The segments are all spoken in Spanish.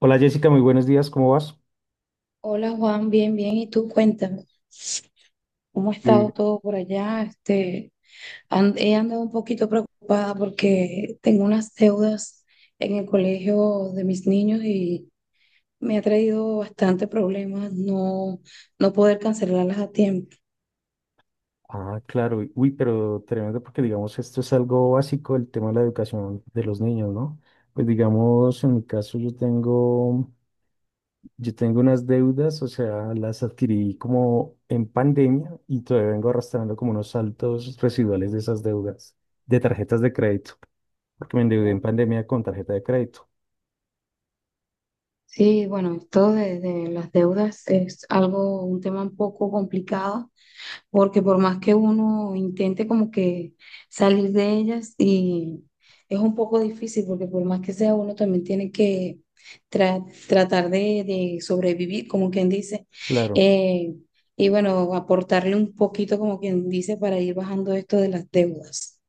Hola Jessica, muy buenos días, ¿cómo vas? Hola Juan, bien, bien. ¿Y tú cuéntame? ¿Cómo ha Sí. estado todo por allá? He andado un poquito preocupada porque tengo unas deudas en el colegio de mis niños y me ha traído bastante problemas no, no poder cancelarlas a tiempo. Ah, claro, uy, uy, pero tremendo porque digamos esto es algo básico, el tema de la educación de los niños, ¿no? Pues digamos, en mi caso yo tengo unas deudas, o sea, las adquirí como en pandemia y todavía vengo arrastrando como unos saltos residuales de esas deudas, de tarjetas de crédito, porque me endeudé en pandemia con tarjeta de crédito. Sí, bueno, esto de las deudas es algo, un tema un poco complicado porque por más que uno intente como que salir de ellas y es un poco difícil, porque por más que sea uno también tiene que tratar de sobrevivir, como quien dice. Claro. eh, y bueno, aportarle un poquito, como quien dice, para ir bajando esto de las deudas.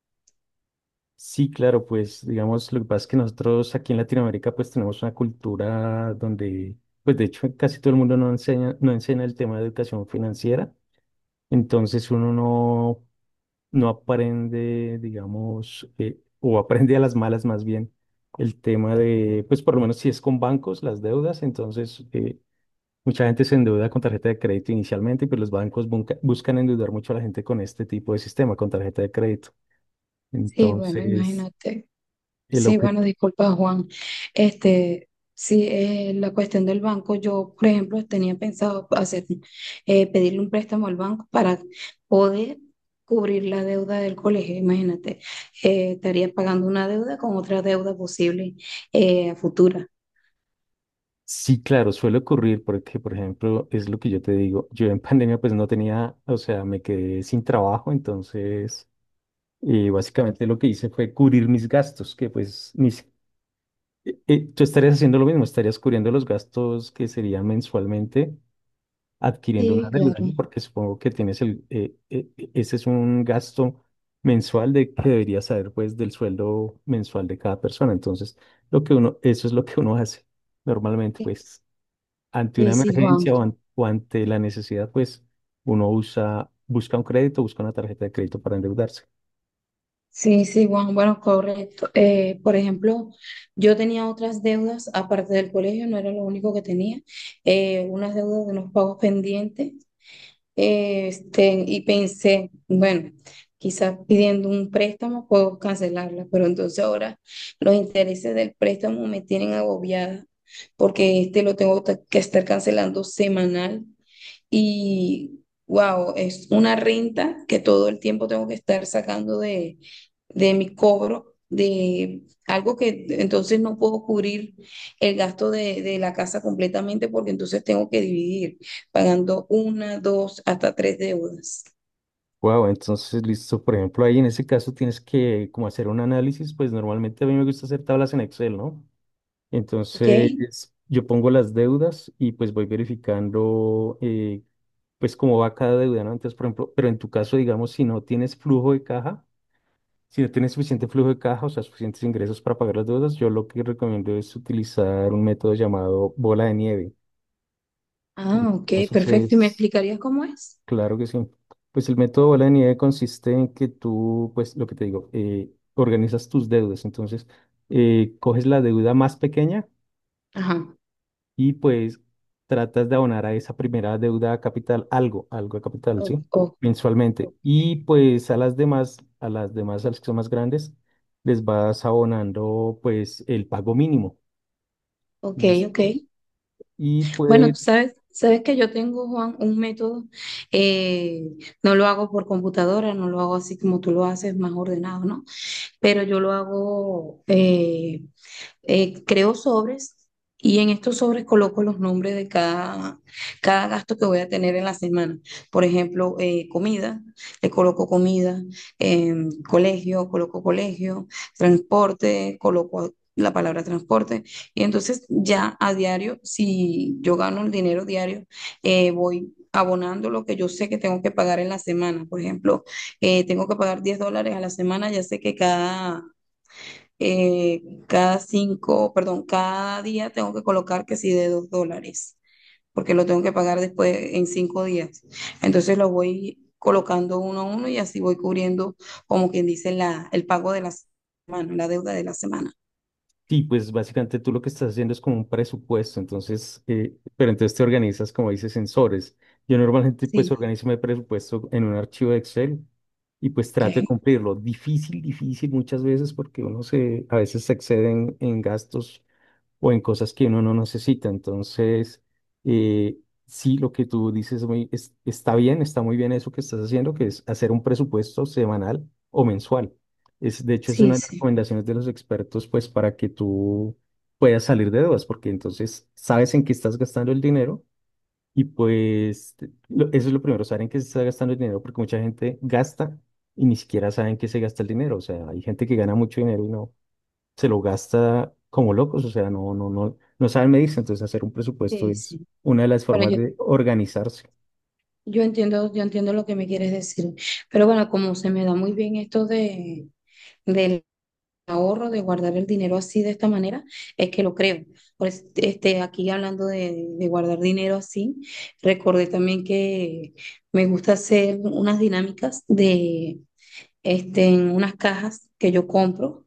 Sí, claro, pues digamos, lo que pasa es que nosotros aquí en Latinoamérica pues tenemos una cultura donde, pues de hecho casi todo el mundo no enseña el tema de educación financiera, entonces uno no, no aprende, digamos, o aprende a las malas más bien el tema de, pues por lo menos si es con bancos, las deudas, entonces mucha gente se endeuda con tarjeta de crédito inicialmente, pero los bancos buscan endeudar mucho a la gente con este tipo de sistema, con tarjeta de crédito. Sí, bueno, Entonces... imagínate. El Sí, objetivo. bueno, disculpa, Juan. Este, sí, la cuestión del banco, yo, por ejemplo, tenía pensado hacer, pedirle un préstamo al banco para poder cubrir la deuda del colegio. Imagínate, estaría pagando una deuda con otra deuda posible, a futura. Sí, claro, suele ocurrir porque, por ejemplo, es lo que yo te digo, yo en pandemia pues no tenía, o sea, me quedé sin trabajo, entonces básicamente lo que hice fue cubrir mis gastos, que pues mis, tú estarías haciendo lo mismo, estarías cubriendo los gastos que serían mensualmente adquiriendo una Sí, deuda, claro. ¿no? Porque supongo que tienes el, ese es un gasto mensual de que deberías saber pues del sueldo mensual de cada persona, entonces lo que uno, eso es lo que uno hace normalmente Sí, pues ante una sí, sí, Juan. emergencia o, o ante la necesidad, pues uno usa, busca un crédito, busca una tarjeta de crédito para endeudarse. Sí, sí, Juan. Bueno, correcto. Por ejemplo, yo tenía otras deudas aparte del colegio, no era lo único que tenía. Unas deudas de unos pagos pendientes. Y pensé, bueno, quizás pidiendo un préstamo puedo cancelarla, pero entonces ahora los intereses del préstamo me tienen agobiada porque este lo que estar cancelando semanal y wow, es una renta que todo el tiempo tengo que estar sacando de mi cobro, de algo que entonces no puedo cubrir el gasto de la casa completamente porque entonces tengo que dividir, pagando una, dos, hasta tres deudas. Wow, entonces listo, por ejemplo, ahí en ese caso tienes que como hacer un análisis, pues normalmente a mí me gusta hacer tablas en Excel, ¿no? Ok. Entonces yo pongo las deudas y pues voy verificando pues cómo va cada deuda, ¿no? Entonces, por ejemplo, pero en tu caso, digamos, si no tienes flujo de caja, si no tienes suficiente flujo de caja, o sea, suficientes ingresos para pagar las deudas, yo lo que recomiendo es utilizar un método llamado bola de nieve. Ah, ok, Entonces, perfecto. ¿Y me explicarías cómo es? claro que sí. Pues el método bola de nieve consiste en que tú, pues lo que te digo, organizas tus deudas. Entonces, coges la deuda más pequeña Ajá. y pues tratas de abonar a esa primera deuda a capital algo, algo a capital, O- ¿sí? o- Mensualmente. Y pues a las demás, a las que son más grandes, les vas abonando pues el pago mínimo. Ok, ok, ok. Listo. Y Bueno, tú pues sabes, sabes que yo tengo, Juan, un método, eh, no lo hago por computadora, no lo hago así como tú lo haces, más ordenado, ¿no? Pero yo lo hago, creo sobres y en estos sobres coloco los nombres de cada, cada gasto que voy a tener en la semana. Por ejemplo, comida, le coloco comida, eh, colegio, coloco colegio, transporte, coloco la palabra transporte. Y entonces ya a diario, si yo gano el dinero diario, voy abonando lo que yo sé que tengo que pagar en la semana. Por ejemplo, tengo que pagar $10 a la semana, ya sé que cada, eh, cada cinco, perdón, cada día tengo que colocar que sí de $2, porque lo tengo que pagar después en cinco días. Entonces lo voy colocando uno a uno y así voy cubriendo, como quien dice, la, el pago de la semana, la deuda de la semana. sí, pues básicamente tú lo que estás haciendo es como un presupuesto, entonces, pero entonces te organizas, como dices, sensores. Yo normalmente pues Sí, organizo mi presupuesto en un archivo de Excel y pues trato de ok. cumplirlo. Difícil, difícil muchas veces porque uno se, a veces se excede en gastos o en cosas que uno no necesita. Entonces, eh, sí, lo que tú dices muy, está bien, está muy bien eso que estás haciendo, que es hacer un presupuesto semanal o mensual. Es, de hecho, es Sí, una de las sí, recomendaciones de los expertos, pues, para que tú puedas salir de dudas, porque entonces sabes en qué estás gastando el dinero y pues eso es lo primero, saber en qué se está gastando el dinero, porque mucha gente gasta y ni siquiera saben qué se gasta el dinero. O sea, hay gente que gana mucho dinero se lo gasta como locos, o sea, no, saben medirse, entonces hacer un presupuesto sí, es sí. una de las Bueno, formas yo, de organizarse. Yo entiendo lo que me quieres decir. Pero bueno, como se me da muy bien esto de, ahorro, de guardar el dinero así de esta manera, es que lo creo. Pues, aquí hablando de guardar dinero así, recordé también que me gusta hacer unas dinámicas de este, en unas cajas que yo compro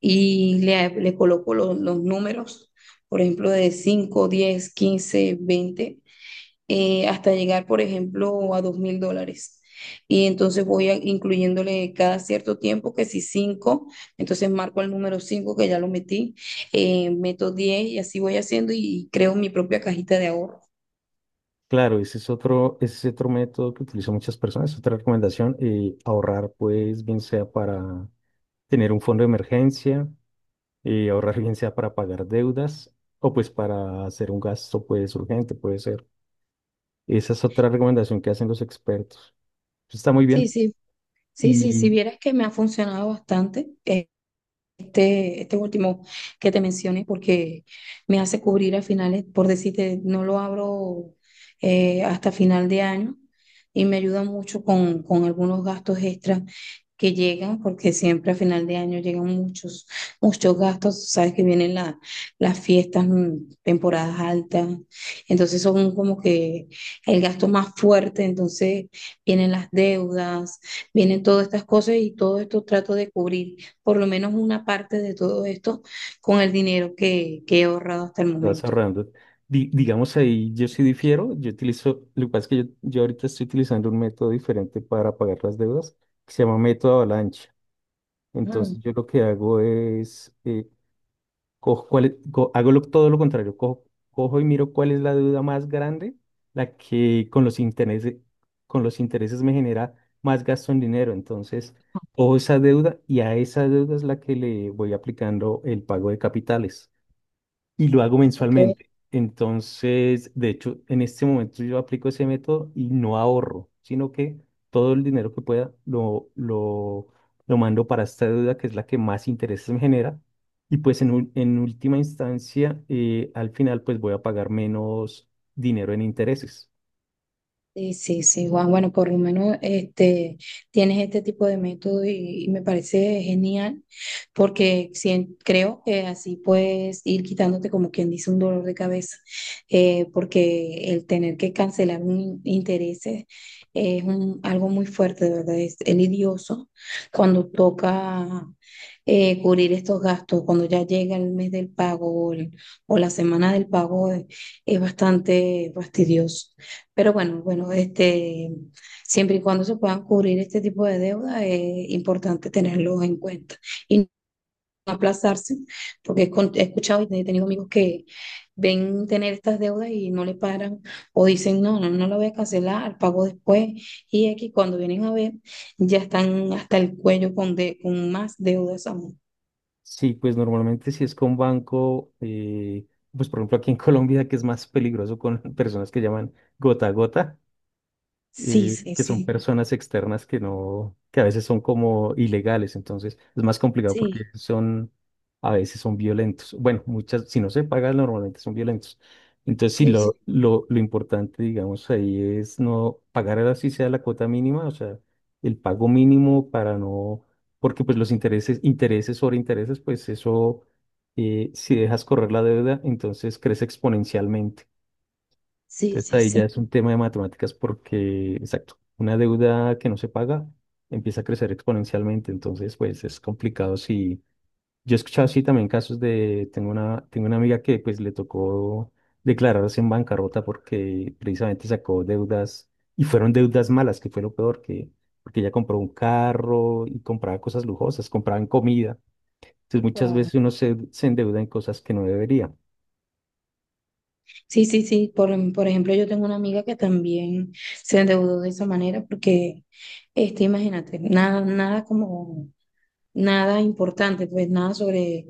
y le coloco los números, por ejemplo, de 5, 10, 15, 20 hasta llegar, por ejemplo, a $2000. Y entonces incluyéndole cada cierto tiempo, que si cinco, entonces marco el número cinco que ya lo metí, meto 10 y así voy haciendo y creo mi propia cajita de ahorro. Claro, ese es otro método que utilizan muchas personas, otra recomendación, ahorrar pues bien sea para tener un fondo de emergencia, ahorrar bien sea para pagar deudas o pues para hacer un gasto pues urgente, puede ser. Esa es otra recomendación que hacen los expertos. Está muy Sí, bien. sí, sí, sí, si Y vieras que me ha funcionado bastante. Este último que te mencioné, porque me hace cubrir a finales, por decirte, no lo abro, hasta final de año y me ayuda mucho con algunos gastos extras que llegan, porque siempre a final de año llegan muchos, muchos gastos, sabes que vienen las fiestas, mm, temporadas altas, entonces son como que el gasto más fuerte, entonces vienen las deudas, vienen todas estas cosas y todo esto trato de cubrir por lo menos una parte de todo esto con el dinero que he ahorrado hasta el te vas momento. ahorrando. Digamos ahí, yo sí difiero, yo utilizo, lo que pasa es que yo ahorita estoy utilizando un método diferente para pagar las deudas, que se llama método avalancha. Mm, Entonces yo lo que hago es, cojo hago todo lo contrario, cojo, cojo y miro cuál es la deuda más grande, la que con los intereses me genera más gasto en dinero. Entonces, cojo esa deuda y a esa deuda es la que le voy aplicando el pago de capitales y lo hago ok. mensualmente. Entonces, de hecho, en este momento yo aplico ese método y no ahorro, sino que todo el dinero que pueda lo mando para esta deuda que es la que más intereses me genera. Y pues en, en última instancia, al final, pues voy a pagar menos dinero en intereses. Sí, sí, sí, Juan. Bueno, por lo menos este, tienes este tipo de método y me parece genial porque creo que así puedes ir quitándote como quien dice un dolor de cabeza, porque el tener que cancelar intereses algo muy fuerte, de verdad, es lidioso cuando toca, cubrir estos gastos, cuando ya llega el mes del pago o, o la semana del pago, es bastante fastidioso. Pero bueno, bueno, este, siempre y cuando se puedan cubrir este tipo de deuda, es importante tenerlo en cuenta y no aplazarse, porque he escuchado y he tenido amigos que ven tener estas deudas y no le paran o dicen, no, no, no la voy a cancelar, pago después. Y aquí cuando vienen a ver, ya están hasta el cuello con más deudas aún. Sí, pues normalmente si es con banco, pues por ejemplo aquí en Colombia, que es más peligroso con personas que llaman gota a gota. Sí, Eh, sí, que son sí, personas externas que no, que a veces son como ilegales, entonces es más complicado porque sí, son, a veces son violentos. Bueno, muchas, si no se paga, normalmente son violentos. Entonces, sí, sí, lo importante, digamos, ahí es no pagar así sea la cuota mínima, o sea, el pago mínimo para no, porque pues los intereses, intereses sobre intereses, pues eso, si dejas correr la deuda, entonces crece exponencialmente. sí, Entonces sí, ahí sí, sí. ya es un tema de matemáticas porque, exacto, una deuda que no se paga empieza a crecer exponencialmente, entonces pues es complicado si... Yo he escuchado así también casos de, tengo una amiga que pues le tocó declararse en bancarrota porque precisamente sacó deudas y fueron deudas malas, que fue lo peor, que porque ella compró un carro y compraba cosas lujosas, compraba en comida. Entonces muchas Guau. veces uno se, se endeuda en cosas que no debería. Sí, sí, sí. Por ejemplo, yo tengo una amiga que también se endeudó de esa manera porque, este, imagínate, nada, nada como, nada importante, pues nada sobre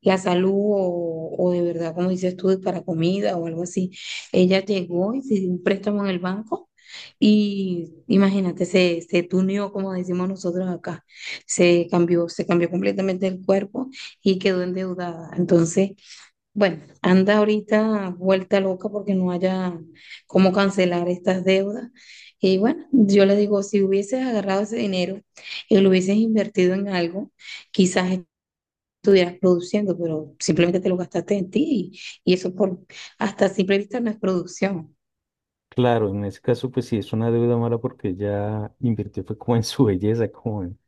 la salud o de verdad, como dices tú, para comida o algo así. Ella llegó y se dio un préstamo en el banco y imagínate, se tuneó, como decimos nosotros acá. Se cambió completamente el cuerpo y quedó endeudada. Entonces, bueno, anda ahorita vuelta loca porque no haya cómo cancelar estas deudas. Y bueno, yo le digo, si hubieses agarrado ese dinero y lo hubieses invertido en algo, quizás estuvieras produciendo, pero simplemente te lo gastaste en ti y eso por, hasta simple vista no es producción. Claro, en ese caso, pues sí es una deuda mala porque ya invirtió fue como en su belleza,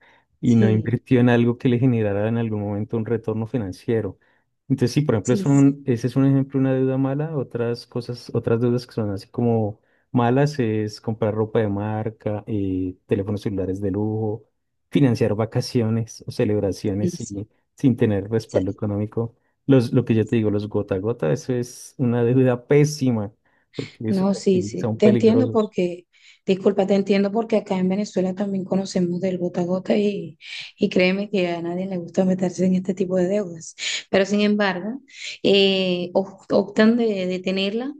y no Sí, invirtió en algo que le generara en algún momento un retorno financiero. Entonces, sí, por ejemplo, sí, sí, ese es un ejemplo de una deuda mala. Otras cosas, otras deudas que son así como malas es comprar ropa de marca, teléfonos celulares de lujo, financiar vacaciones o celebraciones sí, sin, sin tener sí. respaldo económico. Los, lo que yo te digo, los gota a gota, eso es una deuda pésima porque es- No, sí, y sí, son te entiendo peligrosos. porque, disculpa, te entiendo porque acá en Venezuela también conocemos del gota a gota y créeme que a nadie le gusta meterse en este tipo de deudas. Pero sin embargo, optan de tenerla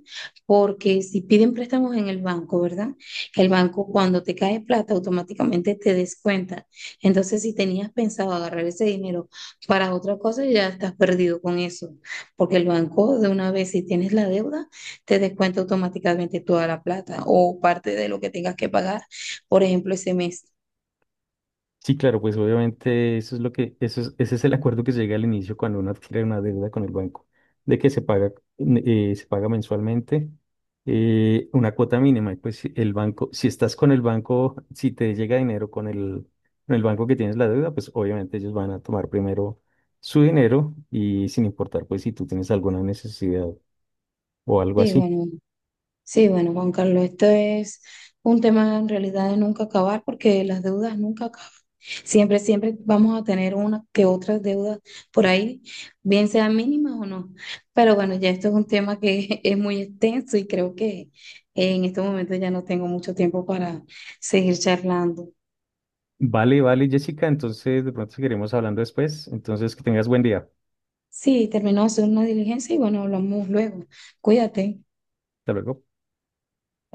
porque si piden préstamos en el banco, ¿verdad? El banco cuando te cae plata automáticamente te descuenta. Entonces, si tenías pensado agarrar ese dinero para otra cosa, ya estás perdido con eso, porque el banco de una vez, si tienes la deuda, te descuenta automáticamente toda la plata o parte de lo que tengas que pagar, por ejemplo, ese mes. Sí, claro, pues obviamente eso es lo que, ese es el acuerdo que se llega al inicio cuando uno adquiere una deuda con el banco, de que se paga mensualmente una cuota mínima. Y pues si el banco, si estás con el banco, si te llega dinero con el banco que tienes la deuda, pues obviamente ellos van a tomar primero su dinero y sin importar pues si tú tienes alguna necesidad o algo Sí, así. bueno, sí, bueno, Juan Carlos, esto es un tema en realidad de nunca acabar porque las deudas nunca acaban. Siempre, siempre vamos a tener una que otras deudas por ahí, bien sean mínimas o no. Pero bueno, ya esto es un tema que es muy extenso y creo que en estos momentos ya no tengo mucho tiempo para seguir charlando. Vale, vale, Jessica, entonces de pronto seguiremos hablando después. Entonces que tengas buen día. Sí, terminó de hacer una diligencia y bueno, hablamos luego. Cuídate. Hasta luego. Bye.